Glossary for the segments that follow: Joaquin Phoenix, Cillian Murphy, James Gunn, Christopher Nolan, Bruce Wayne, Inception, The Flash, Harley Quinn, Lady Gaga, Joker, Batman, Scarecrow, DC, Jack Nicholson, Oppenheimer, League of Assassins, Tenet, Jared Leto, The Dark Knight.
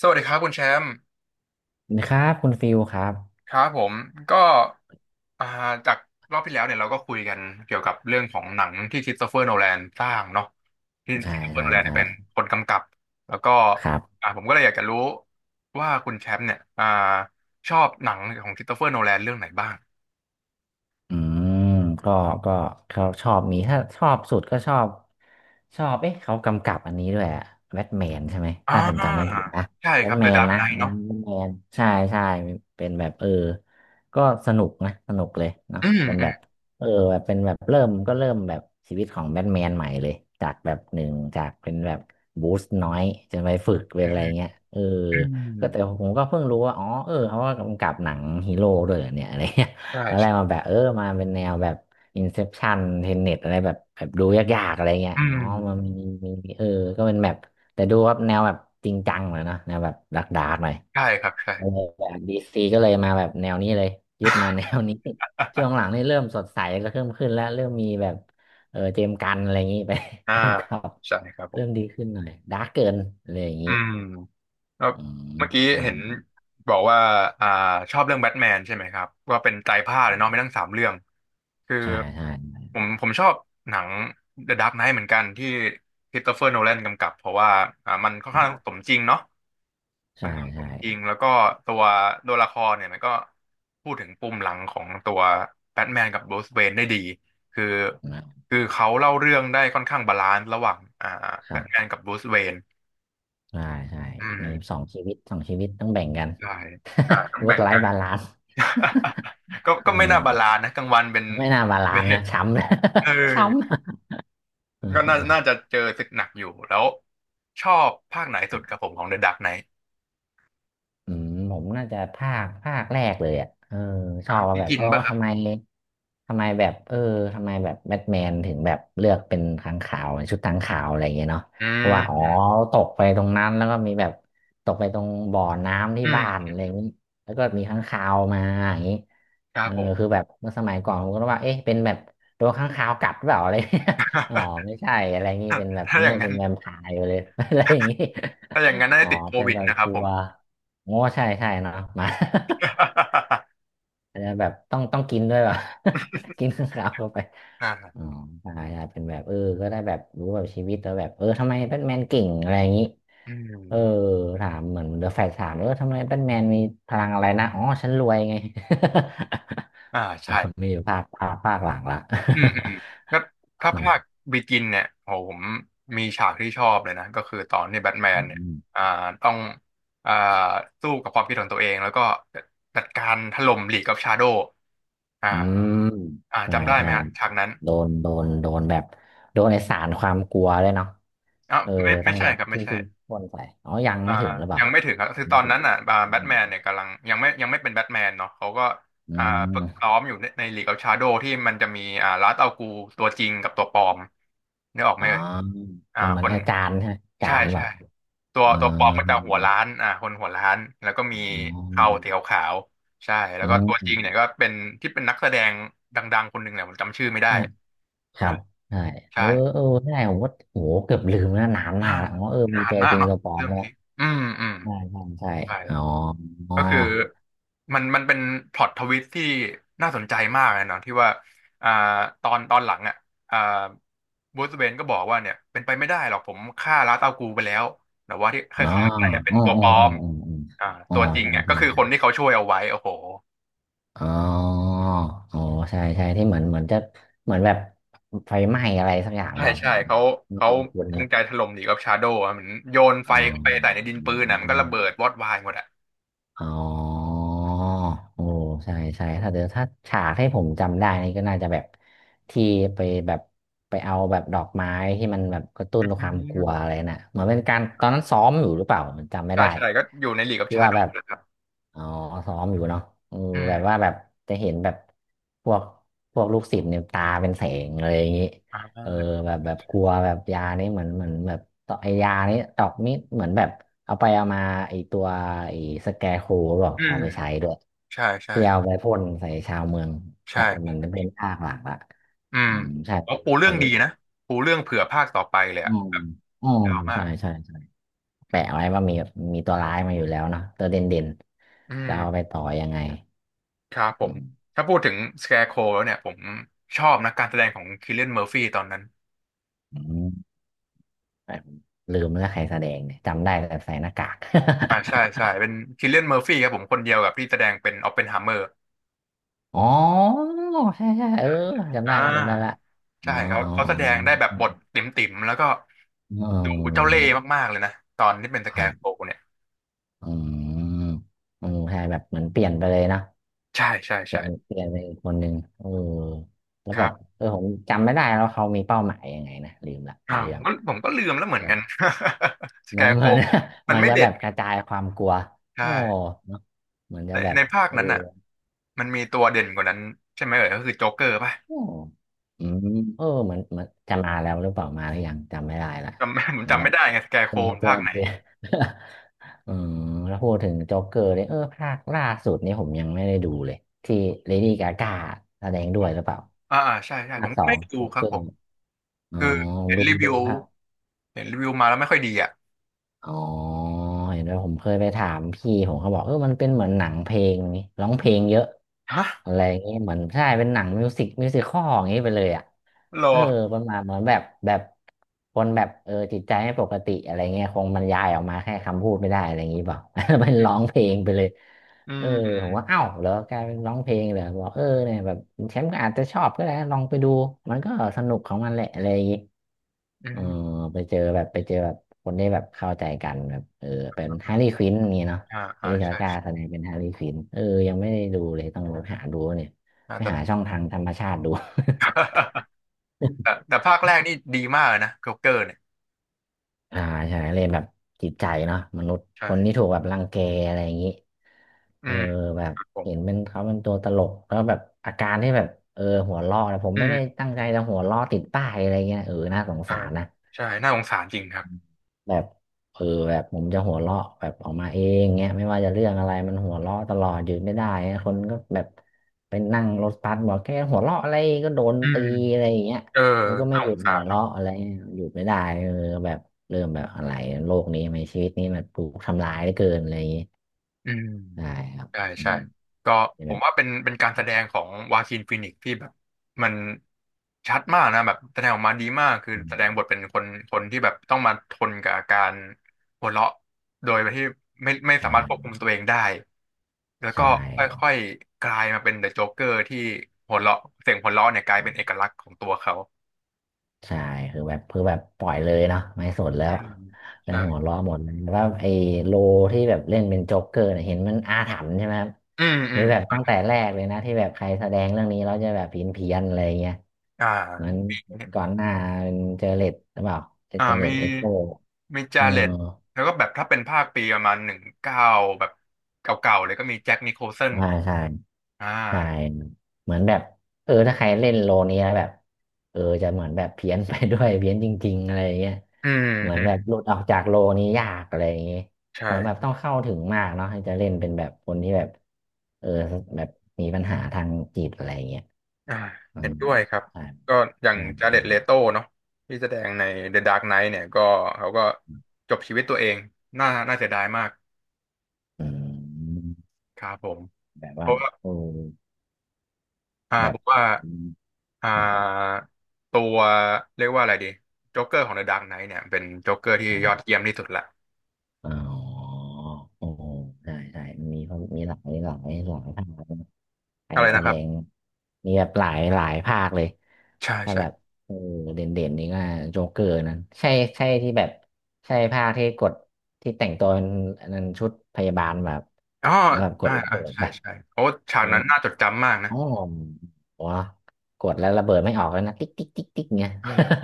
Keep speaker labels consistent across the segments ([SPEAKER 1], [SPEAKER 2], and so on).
[SPEAKER 1] สวัสดีครับคุณแชมป์
[SPEAKER 2] นะครับคุณฟิลครับ
[SPEAKER 1] ครับผมก็อ่าจากรอบที่แล้วเนี่ยเราก็คุยกันเกี่ยวกับเรื่องของหนังที่คริสโตเฟอร์โนแลนสร้างเนาะที่
[SPEAKER 2] ใช่
[SPEAKER 1] คริสโตเฟอร์
[SPEAKER 2] ใช่
[SPEAKER 1] โนแลนเนี่
[SPEAKER 2] ใช่
[SPEAKER 1] ยเป็นคนกำกับแล้วก็
[SPEAKER 2] ครับ
[SPEAKER 1] ผมก็เลยอยากจะรู้ว่าคุณแชมป์เนี่ยชอบหนังของคริสโตเฟอร์โนแลนเรื่องไหนบ้าง
[SPEAKER 2] อืมก็ก็เขาชอบมีถ้าชอบสุดก็ชอบชอบเอ๊ะเขากำกับอันนี้ด้วยอะแบทแมนใช่ไหม
[SPEAKER 1] อ่
[SPEAKER 2] ถ้าผมจำไม่
[SPEAKER 1] า
[SPEAKER 2] ผิดนะ
[SPEAKER 1] ใช่
[SPEAKER 2] แบ
[SPEAKER 1] ครั
[SPEAKER 2] ท
[SPEAKER 1] บ
[SPEAKER 2] แม
[SPEAKER 1] The
[SPEAKER 2] น
[SPEAKER 1] Dark
[SPEAKER 2] นะ
[SPEAKER 1] Knight
[SPEAKER 2] อื
[SPEAKER 1] เนาะ
[SPEAKER 2] มแบทแมนใช่ใช่เป็นแบบเออก็สนุกนะสนุกเลยเนาะ
[SPEAKER 1] อืม
[SPEAKER 2] เป็น
[SPEAKER 1] อื
[SPEAKER 2] แบ
[SPEAKER 1] ม
[SPEAKER 2] บเออแบบเป็นแบบเริ่มก็เริ่มแบบชีวิตของแบทแมนใหม่เลยจากแบบหนึ่งจากเป็นแบบบูสต์น้อยจะไปฝึกเป็น
[SPEAKER 1] อื
[SPEAKER 2] อะไร
[SPEAKER 1] ม
[SPEAKER 2] เงี้ยเออ
[SPEAKER 1] อื
[SPEAKER 2] ก็
[SPEAKER 1] ม
[SPEAKER 2] แต่ผมก็เพิ่งรู้ว่าอ๋อเออเขาก็กำกับหนังฮีโร่ด้วยเหรอเนี่ยอะไร
[SPEAKER 1] ใช่
[SPEAKER 2] ตอนแรกมาแบบเออมาเป็นแนวแบบ Inception เทนเน็ตอะไรแบบแบบดูยากๆอะไรเงี้ย
[SPEAKER 1] อื
[SPEAKER 2] อ๋อมัน
[SPEAKER 1] ม
[SPEAKER 2] มีเออก็เป็นแบบแต่ดูครับแนวแบบจริงจังหน่อยเนอะแนวแบบดาร์กๆหน่อย
[SPEAKER 1] ใช่ครับใช่
[SPEAKER 2] เออแบบดีซีก็เลยมาแบบแนวนี้เลยยึดมาแน วนี้ ช่วงหลังนี่เริ่มสดใสก็เริ่มขึ้นแล้วเริ่มมีแบบเออเจมส์กันอะไรอย่างนี้ไป
[SPEAKER 1] อ่า
[SPEAKER 2] กำกับ
[SPEAKER 1] ใช่ครับผ
[SPEAKER 2] เริ่
[SPEAKER 1] ม
[SPEAKER 2] มดีขึ้นหน่อยดาร์กเกินอะไรอย่างนี้
[SPEAKER 1] อืม แล้ว
[SPEAKER 2] อืม
[SPEAKER 1] เมื่อกี้
[SPEAKER 2] อ่า
[SPEAKER 1] เห็นบอกว่าอ่าชอบเรื่องแบทแมนใช่ไหมครับว่าเป็นไตรภาคเลยเนาะไม่ทั้งสามเรื่องคือ
[SPEAKER 2] ใช่ใช่
[SPEAKER 1] ผมชอบหนัง The Dark Knight เหมือนกันที่ค h ตส s t เฟอร์โนแลนกำกับเพราะว่ามันค่อน
[SPEAKER 2] ครั
[SPEAKER 1] ข้าง
[SPEAKER 2] บ
[SPEAKER 1] สมจริงเนาะค่อ
[SPEAKER 2] ใช่
[SPEAKER 1] นข้างส
[SPEAKER 2] ใช่
[SPEAKER 1] มจริงแล้วก็ตัวตัวละครเนี่ยมันก็พูดถึงปมหลังของตัวแบทแมนกับ Bruce Wayne ได้ดีคือ
[SPEAKER 2] นะ
[SPEAKER 1] เขาเล่าเรื่องได้ค่อนข้างบาลานซ์ระหว่าง
[SPEAKER 2] ค
[SPEAKER 1] แบ
[SPEAKER 2] รั
[SPEAKER 1] ทแม
[SPEAKER 2] บ
[SPEAKER 1] นกับบ r ู c เ w a
[SPEAKER 2] ใช่ใช่
[SPEAKER 1] อืม
[SPEAKER 2] มีสองชีวิตสองชีวิตต้องแบ่งกัน
[SPEAKER 1] ใช่อ่าต้อง แบ่
[SPEAKER 2] work
[SPEAKER 1] งกั
[SPEAKER 2] life
[SPEAKER 1] น
[SPEAKER 2] balance
[SPEAKER 1] ก็
[SPEAKER 2] เ
[SPEAKER 1] ไม่น่าบา
[SPEAKER 2] ออ
[SPEAKER 1] ลานซ์นะกลางวันเป็น
[SPEAKER 2] ไม่น่าบาลา
[SPEAKER 1] เป็
[SPEAKER 2] นซ์นะ
[SPEAKER 1] น
[SPEAKER 2] ช้ำนะ
[SPEAKER 1] เออ
[SPEAKER 2] ช้
[SPEAKER 1] ก็น่า
[SPEAKER 2] ำ
[SPEAKER 1] จะเจอศึกหนักอยู่แล้วชอบภาคไหนสุดครับผมของ The Dark Knight
[SPEAKER 2] อืมผมน่าจะภาคแรกเลยอ่ะเออชอ
[SPEAKER 1] อ่า
[SPEAKER 2] บ
[SPEAKER 1] นได
[SPEAKER 2] ว่าแบบ
[SPEAKER 1] กิ
[SPEAKER 2] เอ
[SPEAKER 1] น
[SPEAKER 2] อ
[SPEAKER 1] ป่ะครับ
[SPEAKER 2] ทำไมแบบเออทำไมแบบแบทแมนถึงแบบเลือกเป็นค้างคาวชุดค้างคาวอะไรอย่างเงี้ยเนาะ
[SPEAKER 1] อื
[SPEAKER 2] เพราะว่าอ๋อ
[SPEAKER 1] ม
[SPEAKER 2] ตกไปตรงนั้นแล้วก็มีแบบตกไปตรงบ่อน้ำที่
[SPEAKER 1] อื
[SPEAKER 2] บ้าน
[SPEAKER 1] ม
[SPEAKER 2] อะไรอย่างงี้แล้วก็มีค้างคาวมาอย่างงี้
[SPEAKER 1] ครั
[SPEAKER 2] เอ
[SPEAKER 1] บ
[SPEAKER 2] อ
[SPEAKER 1] ผม
[SPEAKER 2] คือแบบเมื่อสมัยก่อนผมก็ว่าเอ๊ะเป็นแบบโดนค้างคาวกัดหรือเปล่าอะไรเงี้ย อ๋อไม่ ใช่อะไรอย่างงี้เป็นแบบ
[SPEAKER 1] ถ้าอ
[SPEAKER 2] นู่
[SPEAKER 1] ย่าง
[SPEAKER 2] น
[SPEAKER 1] นั้
[SPEAKER 2] เป็
[SPEAKER 1] น
[SPEAKER 2] นแวมไพร์ไปเลย อะไรอย่างงี้
[SPEAKER 1] น่า
[SPEAKER 2] อ๋อ
[SPEAKER 1] จะติดโค
[SPEAKER 2] เป็น
[SPEAKER 1] วิด
[SPEAKER 2] แบบ
[SPEAKER 1] นะครั
[SPEAKER 2] ก
[SPEAKER 1] บ
[SPEAKER 2] ลั
[SPEAKER 1] ผ
[SPEAKER 2] ว
[SPEAKER 1] ม
[SPEAKER 2] โอ้ใช่ใช่เนาะหมา อาจจะแบบต้องกินด้วยว่ะ กินข้าวเข้าไป
[SPEAKER 1] อ่า
[SPEAKER 2] อ๋อใช่ใช่เป็นแบบเออก็ได้แบบรู้แบบชีวิตแล้วแบบเออทำไมแบทแมนเก่งอะไรอย่างนี้
[SPEAKER 1] อื
[SPEAKER 2] เออ
[SPEAKER 1] ม
[SPEAKER 2] ถามเหมือนเดอะแฟลชถามเออทำไมแบทแมนมีพลังอะไรนะอ๋อฉันรวยไง
[SPEAKER 1] อ่าใช่
[SPEAKER 2] มีอยู่ภาคหลังละ
[SPEAKER 1] อืมอืมก็ถ้าภาคบิกินเนี่ยโหผมมีฉากที่ชอบเลยนะก็คือตอนที่แบทแม
[SPEAKER 2] อื
[SPEAKER 1] นเนี่ย
[SPEAKER 2] ม
[SPEAKER 1] อ่าต้องอ่าสู้กับความคิดของตัวเองแล้วก็จัดการถล่มลีกออฟชาโดว์อ่า
[SPEAKER 2] อืมใช่
[SPEAKER 1] จำได้ไห
[SPEAKER 2] ใช่
[SPEAKER 1] มฮะฉากนั้น
[SPEAKER 2] โดนแบบโดนไอสารความกลัวเลยเนาะ
[SPEAKER 1] อ่ะ
[SPEAKER 2] เออต้
[SPEAKER 1] ไม่
[SPEAKER 2] อง
[SPEAKER 1] ใช่
[SPEAKER 2] แบบ
[SPEAKER 1] ครับไม่
[SPEAKER 2] ที่
[SPEAKER 1] ใช่
[SPEAKER 2] ที่พ่นไปอ๋อยัง
[SPEAKER 1] อ่า
[SPEAKER 2] ไม่ถึงหรือเป
[SPEAKER 1] ยั
[SPEAKER 2] ล่า
[SPEAKER 1] งไม่ถึงครับ
[SPEAKER 2] ยั
[SPEAKER 1] คื
[SPEAKER 2] ง
[SPEAKER 1] อต
[SPEAKER 2] ไม่
[SPEAKER 1] อน
[SPEAKER 2] ถึ
[SPEAKER 1] นั้
[SPEAKER 2] ง
[SPEAKER 1] นอ่ะแ
[SPEAKER 2] อื
[SPEAKER 1] บทแมน
[SPEAKER 2] ม
[SPEAKER 1] เนี่ยกำลังยังไม่เป็นแบทแมนเนาะเขาก็
[SPEAKER 2] อื
[SPEAKER 1] อ่าฝึกซ้
[SPEAKER 2] ม
[SPEAKER 1] อมอยู่ในลีก e of ชาโด o w ที่มันจะมีลาสอัลกูตัวจริงกับตัวปลอมนึกออกไหม
[SPEAKER 2] อ๋อ
[SPEAKER 1] เอ่ยอ่า
[SPEAKER 2] เป็นเหมือ
[SPEAKER 1] ค
[SPEAKER 2] น
[SPEAKER 1] น
[SPEAKER 2] อาจารย์ใช่ไหมอาจา
[SPEAKER 1] ใช่
[SPEAKER 2] รย์เป
[SPEAKER 1] ใช่
[SPEAKER 2] ล่าอ๋อ
[SPEAKER 1] ตัวปลอมก็
[SPEAKER 2] อื
[SPEAKER 1] จะ
[SPEAKER 2] ม
[SPEAKER 1] หัวล้านอ่าคนหัวล้านแล้วก็มีเทาสีขาวๆใช่แล้
[SPEAKER 2] อื
[SPEAKER 1] วก็ตัวจริงเนี่ย
[SPEAKER 2] ม
[SPEAKER 1] ก็เป็นที่เป็นนักแสดงดังๆคนหนึ่งแหละผมจำชื่อไม่ได้
[SPEAKER 2] อ่ะครั
[SPEAKER 1] อ่ะ
[SPEAKER 2] บใช่เอ
[SPEAKER 1] ใช่
[SPEAKER 2] อเออใช่ผมก็โหเกือบลืมนะนานมาก
[SPEAKER 1] นาน
[SPEAKER 2] แล้วอ๋อเออมี
[SPEAKER 1] นา
[SPEAKER 2] ตั
[SPEAKER 1] น
[SPEAKER 2] ว
[SPEAKER 1] มา
[SPEAKER 2] จ
[SPEAKER 1] ก
[SPEAKER 2] ริง
[SPEAKER 1] เนาะ
[SPEAKER 2] ตัวปลอม
[SPEAKER 1] เรื่อง
[SPEAKER 2] เลย
[SPEAKER 1] นี้อืมอืม
[SPEAKER 2] ใช่ใช่ใช่
[SPEAKER 1] ใช่
[SPEAKER 2] อ๋ออ๋
[SPEAKER 1] ก็คือมันเป็นพล็อตทวิสที่น่าสนใจมากเลยเนาะที่ว่าอ่าตอนหลังอ่ะอ่าบรูซเวย์นก็บอกว่าเนี่ยเป็นไปไม่ได้หรอกผมฆ่าลาตากูไปแล้วแต่ว่าที่เค
[SPEAKER 2] ออ๋
[SPEAKER 1] ย
[SPEAKER 2] อ
[SPEAKER 1] ฆ่าไปเนี่ยเป็น
[SPEAKER 2] อ๋อ
[SPEAKER 1] ตัวปลอ
[SPEAKER 2] อ๋อ
[SPEAKER 1] ม
[SPEAKER 2] อ๋ออ๋อ
[SPEAKER 1] อ่า
[SPEAKER 2] อ๋อ
[SPEAKER 1] ตัวจริง
[SPEAKER 2] ใช่
[SPEAKER 1] เนี่ย
[SPEAKER 2] ใช
[SPEAKER 1] ก็คือ
[SPEAKER 2] ่
[SPEAKER 1] คนที่เขาช่วยเอาไว้โอ้โห
[SPEAKER 2] อ๋ออ๋อใช่ใช่ที่เหมือนจะเหมือนแบบไฟไหม้อะไรสักอย่าง
[SPEAKER 1] ใช่
[SPEAKER 2] เปล่าผ
[SPEAKER 1] ใช่
[SPEAKER 2] ม
[SPEAKER 1] เขา
[SPEAKER 2] ไม่
[SPEAKER 1] เขา
[SPEAKER 2] คุ้น
[SPEAKER 1] จ
[SPEAKER 2] ๆ
[SPEAKER 1] ง
[SPEAKER 2] นะ
[SPEAKER 1] ใจถล่มหนีกับชาโดว์อะเหมือนโยน
[SPEAKER 2] อ๋
[SPEAKER 1] ไฟ
[SPEAKER 2] อ
[SPEAKER 1] เข้าไปใส่ในดินปืนอ่ะมันก็ระเบิดวอดวายหมดอ่ะ
[SPEAKER 2] อ๋อโอ้ใช่ใช่ถ้าเดี๋ยวถ้าฉากให้ผมจำได้นี่ก็น่าจะแบบที่ไปแบบไปเอาแบบดอกไม้ที่มันแบบกระตุ้
[SPEAKER 1] อื
[SPEAKER 2] นความกลัว
[SPEAKER 1] ม
[SPEAKER 2] อะไรน่ะเหมือนเป็นการตอนนั้นซ้อมอยู่หรือเปล่าผมจำไม่
[SPEAKER 1] ใช่
[SPEAKER 2] ได้
[SPEAKER 1] ใช่ก็อยู่ในลีกกับ
[SPEAKER 2] ที่
[SPEAKER 1] ชา
[SPEAKER 2] ว่า
[SPEAKER 1] โด
[SPEAKER 2] แบบ
[SPEAKER 1] ว์นะครับ
[SPEAKER 2] อ๋อซ้อมอยู่เนาะเออ
[SPEAKER 1] อื
[SPEAKER 2] แบ
[SPEAKER 1] ม
[SPEAKER 2] บว่าแบบจะเห็นแบบพวกพวกลูกศิษย์เนี่ยตาเป็นแสงเลยอย่างนี้
[SPEAKER 1] อ่า
[SPEAKER 2] เออแบบแบบกลัวแบบยานี้เหมือนเหมือนแบบต่อไอยานี้ดอกมิ้เหมือนแบบเอาไปเอามาไอตัวไอสแกร์โครหรอ
[SPEAKER 1] อื
[SPEAKER 2] เอา
[SPEAKER 1] ม
[SPEAKER 2] ไปใช้ด้วย
[SPEAKER 1] ใช่ใช่
[SPEAKER 2] ที่เอาไปพ่นใส่ชาวเมืองจะมัน
[SPEAKER 1] ใช่
[SPEAKER 2] จะเป็นภาคหลักละ
[SPEAKER 1] อื
[SPEAKER 2] อื
[SPEAKER 1] ม
[SPEAKER 2] มใช่
[SPEAKER 1] เขาปูเรื่
[SPEAKER 2] อั
[SPEAKER 1] อ
[SPEAKER 2] น
[SPEAKER 1] ง
[SPEAKER 2] นี้
[SPEAKER 1] ดีนะปูเรื่องเผื่อภาคต่อไปเลย
[SPEAKER 2] อื
[SPEAKER 1] อ่ะ
[SPEAKER 2] มอืม
[SPEAKER 1] ยาวมา
[SPEAKER 2] ใช่
[SPEAKER 1] ก
[SPEAKER 2] ใช่ใช่แปะไว้ว่ามีมีตัวร้ายมาอยู่แล้วเนาะตัวเด่นเด่น
[SPEAKER 1] อื
[SPEAKER 2] จะเอา
[SPEAKER 1] ม
[SPEAKER 2] ไปต่อยังไง
[SPEAKER 1] ครับผ
[SPEAKER 2] อื
[SPEAKER 1] ม
[SPEAKER 2] ม
[SPEAKER 1] ถ้าพูดถึงสแคร์โค w แล้วเนี่ยผมชอบนะการแสดงของคิลเลียนเมอร์ฟี่ตอนนั้น
[SPEAKER 2] อืมลืมเนื้อใครแสดงเนี่ยจำได้แต่ใส่หน้ากาก
[SPEAKER 1] อ่าใช่ ใช่เป็นคิลเลียนเมอร์ฟี่ครับผมคนเดียวกับที่แสดงเป็นออปเพนไฮเมอร์
[SPEAKER 2] อ๋อใช่ใช่เออจำได้
[SPEAKER 1] อ่
[SPEAKER 2] ละจำได้ละ
[SPEAKER 1] า
[SPEAKER 2] อ๋อ
[SPEAKER 1] ใช่เขาแสดงได้แบบบทติ่มๆแล้วก็
[SPEAKER 2] อ๋ออ๋
[SPEAKER 1] ดูเจ้าเล่
[SPEAKER 2] อ
[SPEAKER 1] ห์มากๆเลยนะตอนที่เป็นส
[SPEAKER 2] เออค
[SPEAKER 1] แก
[SPEAKER 2] รั
[SPEAKER 1] ร์โคร
[SPEAKER 2] บ
[SPEAKER 1] ว์เนี่ย
[SPEAKER 2] อืมเออใช่แบบเหมือนเปลี่ยนไปเลยนะ
[SPEAKER 1] ใช่ใช่
[SPEAKER 2] เป็
[SPEAKER 1] ใช่
[SPEAKER 2] นเปลี่ยนเป็นอีกคนหนึ่งเออแล้ว
[SPEAKER 1] ค
[SPEAKER 2] แบ
[SPEAKER 1] รั
[SPEAKER 2] บ
[SPEAKER 1] บ
[SPEAKER 2] เออผมจำไม่ได้แล้วเขามีเป้าหมายยังไงนะลืมละ
[SPEAKER 1] อ่า
[SPEAKER 2] ในเรื่อง
[SPEAKER 1] ผมก็ลืมแล้วเหมือน
[SPEAKER 2] แบ
[SPEAKER 1] กั
[SPEAKER 2] บ
[SPEAKER 1] น ส
[SPEAKER 2] เห
[SPEAKER 1] แก
[SPEAKER 2] มือน
[SPEAKER 1] ร์โค
[SPEAKER 2] เหมื
[SPEAKER 1] ร
[SPEAKER 2] อน
[SPEAKER 1] ว์
[SPEAKER 2] เห
[SPEAKER 1] มัน
[SPEAKER 2] มือน
[SPEAKER 1] ไม่
[SPEAKER 2] จะ
[SPEAKER 1] เด่
[SPEAKER 2] แบ
[SPEAKER 1] น
[SPEAKER 2] บกระจายความกลัวโอ้
[SPEAKER 1] ใช่
[SPEAKER 2] เนอะเหมือนจะ
[SPEAKER 1] ใน
[SPEAKER 2] แบบ
[SPEAKER 1] ในภาค
[SPEAKER 2] เออ
[SPEAKER 1] นั้นอ่ะมันมีตัวเด่นกว่านั้นใช่ไหมเอ่ยก็คือโจ๊กเกอร์ป่ะ
[SPEAKER 2] โอ้อืมเออเหมือนเหมือนจะมาแล้วหรือเปล่ามาหรือยังจำไม่ได้ละ
[SPEAKER 1] จำ ผม
[SPEAKER 2] เหมือน
[SPEAKER 1] จำ
[SPEAKER 2] แบ
[SPEAKER 1] ไม่
[SPEAKER 2] บ
[SPEAKER 1] ได้ไงสแกร์โค
[SPEAKER 2] ตั
[SPEAKER 1] ร
[SPEAKER 2] ว
[SPEAKER 1] ว์
[SPEAKER 2] ตัว
[SPEAKER 1] ภาคไหน
[SPEAKER 2] เดียว อืมแล้วพูดถึงโจ๊กเกอร์เนี่ยเออภาคล่าสุดนี่ผมยังไม่ได้ดูเลยที่เลดี้กากแสดงด้
[SPEAKER 1] อ๋อ
[SPEAKER 2] วยหรือเปล่า
[SPEAKER 1] อ่าอ่าใช่ใช่ผ
[SPEAKER 2] ภาค
[SPEAKER 1] ม
[SPEAKER 2] สอ
[SPEAKER 1] ไม่
[SPEAKER 2] ง
[SPEAKER 1] ดู
[SPEAKER 2] โจ๊ก
[SPEAKER 1] ครั
[SPEAKER 2] เก
[SPEAKER 1] บ
[SPEAKER 2] อ
[SPEAKER 1] ผ
[SPEAKER 2] ร์
[SPEAKER 1] ม
[SPEAKER 2] อ๋อ
[SPEAKER 1] คือเห็น
[SPEAKER 2] ดู
[SPEAKER 1] รีวิ
[SPEAKER 2] ดู
[SPEAKER 1] ว
[SPEAKER 2] ภาค
[SPEAKER 1] มาแล้วไม่ค่อยดีอ่ะ
[SPEAKER 2] อ๋อเห็นด้วยผมเคยไปถามพี่ผมเขาบอกมันเป็นเหมือนหนังเพลงนี่ร้องเพลงเยอะ
[SPEAKER 1] ฮะ
[SPEAKER 2] อะไรอย่างงี้เหมือนใช่เป็นหนังมิวสิคอลอย่างงี้ไปเลยอ่ะ
[SPEAKER 1] โล
[SPEAKER 2] เออประมาณเหมือนแบบคนแบบจิตใจไม่ปกติอะไรเงี้ยคงบรรยายออกมาแค่คำพูดไม่ได้อะไรอย่างงี้เปล่า เป็นร้องเพลงไปเลย
[SPEAKER 1] อื
[SPEAKER 2] เออผมว่า
[SPEAKER 1] ม
[SPEAKER 2] เอ้าแล้วกลายเป็นร้องเพลงเลยบอกเนี่ยแบบแชมป์ก็อาจจะชอบก็ได้ลองไปดูมันก็สนุกของมันแหละอะไรอย่างงี้
[SPEAKER 1] อื
[SPEAKER 2] เออ
[SPEAKER 1] ม
[SPEAKER 2] ไปเจอแบบคนที่แบบเข้าใจกันแบบเออเป็นฮาร์ลีควินอย่างงี้เนาะ
[SPEAKER 1] อ่า
[SPEAKER 2] เอ
[SPEAKER 1] อ่า
[SPEAKER 2] ลิซา
[SPEAKER 1] ใช่
[SPEAKER 2] ก้า
[SPEAKER 1] ใช่
[SPEAKER 2] แสดงเป็นฮาร์ลีควินเออยังไม่ได้ดูเลยต้องหาดูเนี่ย
[SPEAKER 1] อ่า
[SPEAKER 2] ไป
[SPEAKER 1] แต่
[SPEAKER 2] หาช่องทางธรรมชาติดู
[SPEAKER 1] แต่ภาคแรกนี่ดีมากเลยนะโจ๊กเกอร์เนี่ย
[SPEAKER 2] อ่าใช่เลยแบบจิตใจเนาะมนุษย์คนที่
[SPEAKER 1] ใช่
[SPEAKER 2] ถูกแบบรังแกอะไรอย่างนี้
[SPEAKER 1] อื
[SPEAKER 2] เออ
[SPEAKER 1] ม
[SPEAKER 2] แบบ
[SPEAKER 1] ครับผม
[SPEAKER 2] เห็นเป็นเขาเป็นตัวตลกแล้วแบบอาการที่แบบเออหัวเราะนะผม
[SPEAKER 1] อื
[SPEAKER 2] ไม่ได้
[SPEAKER 1] ม
[SPEAKER 2] ตั้งใจจะหัวเราะติดป้ายอะไรเงี้ยเออน่าสง
[SPEAKER 1] ใช่
[SPEAKER 2] สารนะ
[SPEAKER 1] ใช่น่าสงสารจริงครับ
[SPEAKER 2] แบบเออแบบผมจะหัวเราะแบบออกมาเองเงี้ยไม่ว่าจะเรื่องอะไรมันหัวเราะตลอดหยุดไม่ได้เงี้ยคนก็แบบไปนั่งรถบัสบอกแกหัวเราะอะไรก็โดน
[SPEAKER 1] อื
[SPEAKER 2] ตี
[SPEAKER 1] ม
[SPEAKER 2] อะไรอย่างเงี้ย
[SPEAKER 1] เออ
[SPEAKER 2] แล้วก็ไม่
[SPEAKER 1] น่า
[SPEAKER 2] ห
[SPEAKER 1] ส
[SPEAKER 2] ยุด
[SPEAKER 1] ง
[SPEAKER 2] หั
[SPEAKER 1] สา
[SPEAKER 2] ว
[SPEAKER 1] ร
[SPEAKER 2] เราะอะไรเงี้ยหยุดไม่ได้เออแบบเริ่มแบบอะไรโลกนี้ในชีวิตนี้มันถูกทำร้ายเหลือเกินอะไรอย่างงี้
[SPEAKER 1] อืม
[SPEAKER 2] ได้ครับ
[SPEAKER 1] ใช่
[SPEAKER 2] อื
[SPEAKER 1] ใช่
[SPEAKER 2] ม
[SPEAKER 1] ก็ผ
[SPEAKER 2] แบ
[SPEAKER 1] ม
[SPEAKER 2] บ
[SPEAKER 1] ว่าเป็นการแสดงของวาคินฟีนิกซ์ที่แบบมันชัดมากนะแบบแสดงออกมาดีมากคือ
[SPEAKER 2] อื
[SPEAKER 1] แสดง
[SPEAKER 2] ม
[SPEAKER 1] บทเป็นคนที่แบบต้องมาทนกับอาการหัวเราะโดยที่ไม่
[SPEAKER 2] อ่
[SPEAKER 1] สามารถควบคุ
[SPEAKER 2] า
[SPEAKER 1] มตัวเองได้แล้ว
[SPEAKER 2] ใช
[SPEAKER 1] ก็ค
[SPEAKER 2] ่
[SPEAKER 1] ่อยๆกลายมาเป็นเดอะโจ๊กเกอร์ที่หัวเราะเสียงหัวเราะเนี่ยกลายเป็นเอกลักษณ์ของตัวเขา
[SPEAKER 2] ใช่คือแบบปล่อยเลยเนาะไม่สนแล้
[SPEAKER 1] อื
[SPEAKER 2] ว
[SPEAKER 1] ม
[SPEAKER 2] แล้ว
[SPEAKER 1] ใช่
[SPEAKER 2] หัวเราะหมดเลยแล้วก็ไอ้โลที่แบบเล่นเป็นโจ๊กเกอร์เนี่ยเห็นมันอาถรรพ์ใช่ไหมครับ
[SPEAKER 1] อืม
[SPEAKER 2] ห
[SPEAKER 1] อื
[SPEAKER 2] รือ
[SPEAKER 1] ม
[SPEAKER 2] แบบตั้งแต่แรกเลยนะที่แบบใครแสดงเรื่องนี้เราจะแบบเพียนอะไรเงี้ย
[SPEAKER 1] อ่
[SPEAKER 2] เหมือน
[SPEAKER 1] า
[SPEAKER 2] ก่อนหน้าเป็นเจอเล็ตหรือเปล่า
[SPEAKER 1] อ่า
[SPEAKER 2] เจอเล็
[SPEAKER 1] มี
[SPEAKER 2] ตเลตโตเอ
[SPEAKER 1] จา
[SPEAKER 2] อ
[SPEAKER 1] เล็ตแล้วก็แบบถ้าเป็นภาคปีประมาณ19แบบเก่าๆเลยก็มีแจ็คนิโคลสัน
[SPEAKER 2] ใช่ใช่
[SPEAKER 1] อ่า
[SPEAKER 2] ใช่เหมือนแบบถ้าใครเล่นโลนี้แล้วแบบจะเหมือนแบบเพี้ยน ไปด้วย เพี้ยนจริงๆอะไรอย่างเงี้ย
[SPEAKER 1] อืม
[SPEAKER 2] เหมือ
[SPEAKER 1] อื
[SPEAKER 2] น
[SPEAKER 1] ม
[SPEAKER 2] แบบหลุดออกจากโลนี้ยากอะไรอย่างเงี้ย
[SPEAKER 1] ใ
[SPEAKER 2] เหมือนแบบต้
[SPEAKER 1] ช่
[SPEAKER 2] องเข้าถึงมากเนาะให้จะเล่นเป็นแบบคนที่แบบเออแบบมีปัญหาทางจิตอะไรอย่างเงี้ย
[SPEAKER 1] อ่า
[SPEAKER 2] อื
[SPEAKER 1] เห็น
[SPEAKER 2] ม
[SPEAKER 1] ด้วยครับ
[SPEAKER 2] ใช่
[SPEAKER 1] ก็อย่าง
[SPEAKER 2] ใช่
[SPEAKER 1] จาเด็
[SPEAKER 2] ใช่
[SPEAKER 1] ตเลโตเนาะที่แสดงใน The Dark Knight เนี่ยก็เขาก็จบชีวิตตัวเองน่าเสียดายมาก
[SPEAKER 2] อืม
[SPEAKER 1] ครับผม
[SPEAKER 2] แบบ
[SPEAKER 1] เพ
[SPEAKER 2] ว่า
[SPEAKER 1] ราะว่า
[SPEAKER 2] โอ้
[SPEAKER 1] อ่า
[SPEAKER 2] แบ
[SPEAKER 1] ผ
[SPEAKER 2] บ
[SPEAKER 1] มว่า
[SPEAKER 2] อืม
[SPEAKER 1] อ่
[SPEAKER 2] ครั
[SPEAKER 1] าตัวเรียกว่าอะไรดีโจ๊กเกอร์ของ The Dark Knight เนี่ยเป็นโจ๊กเกอร์ที่ยอด
[SPEAKER 2] บ
[SPEAKER 1] เยี่ยมที่สุดละ
[SPEAKER 2] อ๋อโอ้ใช่ใช่มีเขามีหลายภาคนะไป
[SPEAKER 1] อะไร
[SPEAKER 2] แส
[SPEAKER 1] นะค
[SPEAKER 2] ด
[SPEAKER 1] รับ
[SPEAKER 2] งมีแบบหลายภาคเลย
[SPEAKER 1] ใช่
[SPEAKER 2] ถ้าแบบ
[SPEAKER 1] ใช่
[SPEAKER 2] เออเด่นนี่ก็โจ๊กเกอร์นั้นใช่ใช่ที่แบบใช่ภาคที่กดที่แต่งตัวเป็นอันนั้นชุดพยาบาลแบบ
[SPEAKER 1] อ๋อ
[SPEAKER 2] แล้วแบบก
[SPEAKER 1] อ่า
[SPEAKER 2] ดระ
[SPEAKER 1] อ่า
[SPEAKER 2] เบิด
[SPEAKER 1] ใช่
[SPEAKER 2] ป่ะ
[SPEAKER 1] ใช่โอ้ฉา
[SPEAKER 2] เอ
[SPEAKER 1] ก
[SPEAKER 2] อ
[SPEAKER 1] นั้นน่าจดจำมากนะ
[SPEAKER 2] อ๋อวะกดแล้วระเบิดไม่ออกแล้วนะติ๊กติ๊กติ๊กติ๊กเงี้ย
[SPEAKER 1] เออ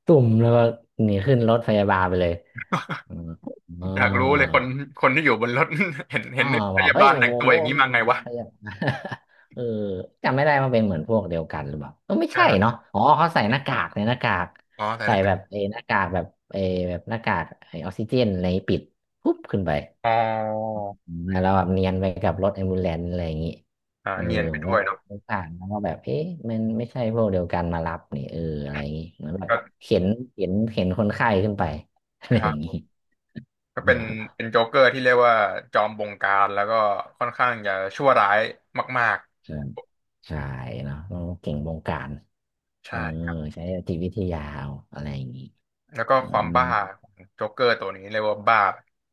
[SPEAKER 2] ตุ่มแล้วก็หนีขึ้นรถพยาบาลไปเลย เออ
[SPEAKER 1] อยากรู้เลยคนที่อยู่บนรถ เห็น
[SPEAKER 2] อ๋อ
[SPEAKER 1] พ
[SPEAKER 2] บอก
[SPEAKER 1] ยา
[SPEAKER 2] เฮ้
[SPEAKER 1] บา
[SPEAKER 2] ย
[SPEAKER 1] ล
[SPEAKER 2] โอ้
[SPEAKER 1] แต่ง
[SPEAKER 2] โห
[SPEAKER 1] ตัวอย่าง นี้
[SPEAKER 2] แม่
[SPEAKER 1] มา
[SPEAKER 2] น
[SPEAKER 1] ไงวะ
[SPEAKER 2] ขาเร เออจำไม่ได้ว่าเป็นเหมือนพวกเดียวกันหรือเปล่าเอไม่ใช่เนาะอ๋อเขาใส่หน้ากากในหน้ากาก
[SPEAKER 1] อาอ๋อแต่
[SPEAKER 2] ใส่
[SPEAKER 1] นะ
[SPEAKER 2] แบบหน้ากากแบบแบบหน้ากากไอออกซิเจนอะไรปิดปุ๊บขึ้นไป
[SPEAKER 1] อ๋อ
[SPEAKER 2] อืมแล้วแบบเนียนไปกับรถแอมบูเลนอะไรอย่างงี้
[SPEAKER 1] อ่า
[SPEAKER 2] เออ
[SPEAKER 1] เนียนไป
[SPEAKER 2] ผม
[SPEAKER 1] ด้
[SPEAKER 2] ก็
[SPEAKER 1] วยเนาะ
[SPEAKER 2] ผ่านแล้วก็แบบเอ๊ะมันไม่ใช่พวกเดียวกันมารับนี่เอออะไรอย่างงี้เหมือนแบบ
[SPEAKER 1] ก็
[SPEAKER 2] เข็นเข็นเข็นคนไข้ขึ้นไปอะ
[SPEAKER 1] ค
[SPEAKER 2] ไร
[SPEAKER 1] รั
[SPEAKER 2] อ
[SPEAKER 1] บ
[SPEAKER 2] ย่าง
[SPEAKER 1] ผ
[SPEAKER 2] งี้
[SPEAKER 1] มก็เป็น โจ๊กเกอร์ที่เรียกว่าจอมบงการแล้วก็ค่อนข้างจะชั่วร้ายมาก
[SPEAKER 2] ใช่ใช่เนาะต้องเก่งวงการ
[SPEAKER 1] ๆ
[SPEAKER 2] เอ
[SPEAKER 1] ใช่
[SPEAKER 2] อ
[SPEAKER 1] ครับ
[SPEAKER 2] ใช้จิตวิทยาเอาอะไรอย่างงี้
[SPEAKER 1] แล้วก็
[SPEAKER 2] อื
[SPEAKER 1] ความ
[SPEAKER 2] ม
[SPEAKER 1] บ้าของโจ๊กเกอร์ตัวนี้เรียกว่าบ้า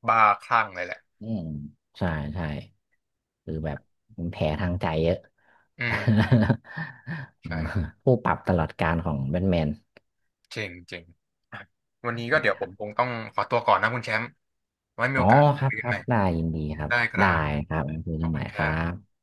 [SPEAKER 1] บ้าคลั่งเลยแหละ
[SPEAKER 2] อืมใช่ใช่คือแบบมันแผลทางใจเยอะ
[SPEAKER 1] อืม
[SPEAKER 2] อืม
[SPEAKER 1] ใช่
[SPEAKER 2] ผู้ปรับตลอดกาลของแบทแมน
[SPEAKER 1] เจ๋งเจ๋งอ่ะ
[SPEAKER 2] ใ
[SPEAKER 1] วันนี้ก็
[SPEAKER 2] ช่
[SPEAKER 1] เดี๋ยว
[SPEAKER 2] ค
[SPEAKER 1] ผ
[SPEAKER 2] รั
[SPEAKER 1] ม
[SPEAKER 2] บ
[SPEAKER 1] คงต้องขอตัวก่อนนะคุณแชมป์ไว้มี
[SPEAKER 2] อ๋อ
[SPEAKER 1] โอกาส
[SPEAKER 2] ครั
[SPEAKER 1] คุ
[SPEAKER 2] บ
[SPEAKER 1] ยกั
[SPEAKER 2] ค
[SPEAKER 1] น
[SPEAKER 2] รั
[SPEAKER 1] ให
[SPEAKER 2] บ
[SPEAKER 1] ม่
[SPEAKER 2] ได้ยินดีครับ
[SPEAKER 1] ได้ครั
[SPEAKER 2] ได้
[SPEAKER 1] บ
[SPEAKER 2] ครับงั้นคุย
[SPEAKER 1] ข
[SPEAKER 2] กั
[SPEAKER 1] อบ
[SPEAKER 2] นให
[SPEAKER 1] คุ
[SPEAKER 2] ม่
[SPEAKER 1] ณค
[SPEAKER 2] ค
[SPEAKER 1] รั
[SPEAKER 2] รั
[SPEAKER 1] บ
[SPEAKER 2] บ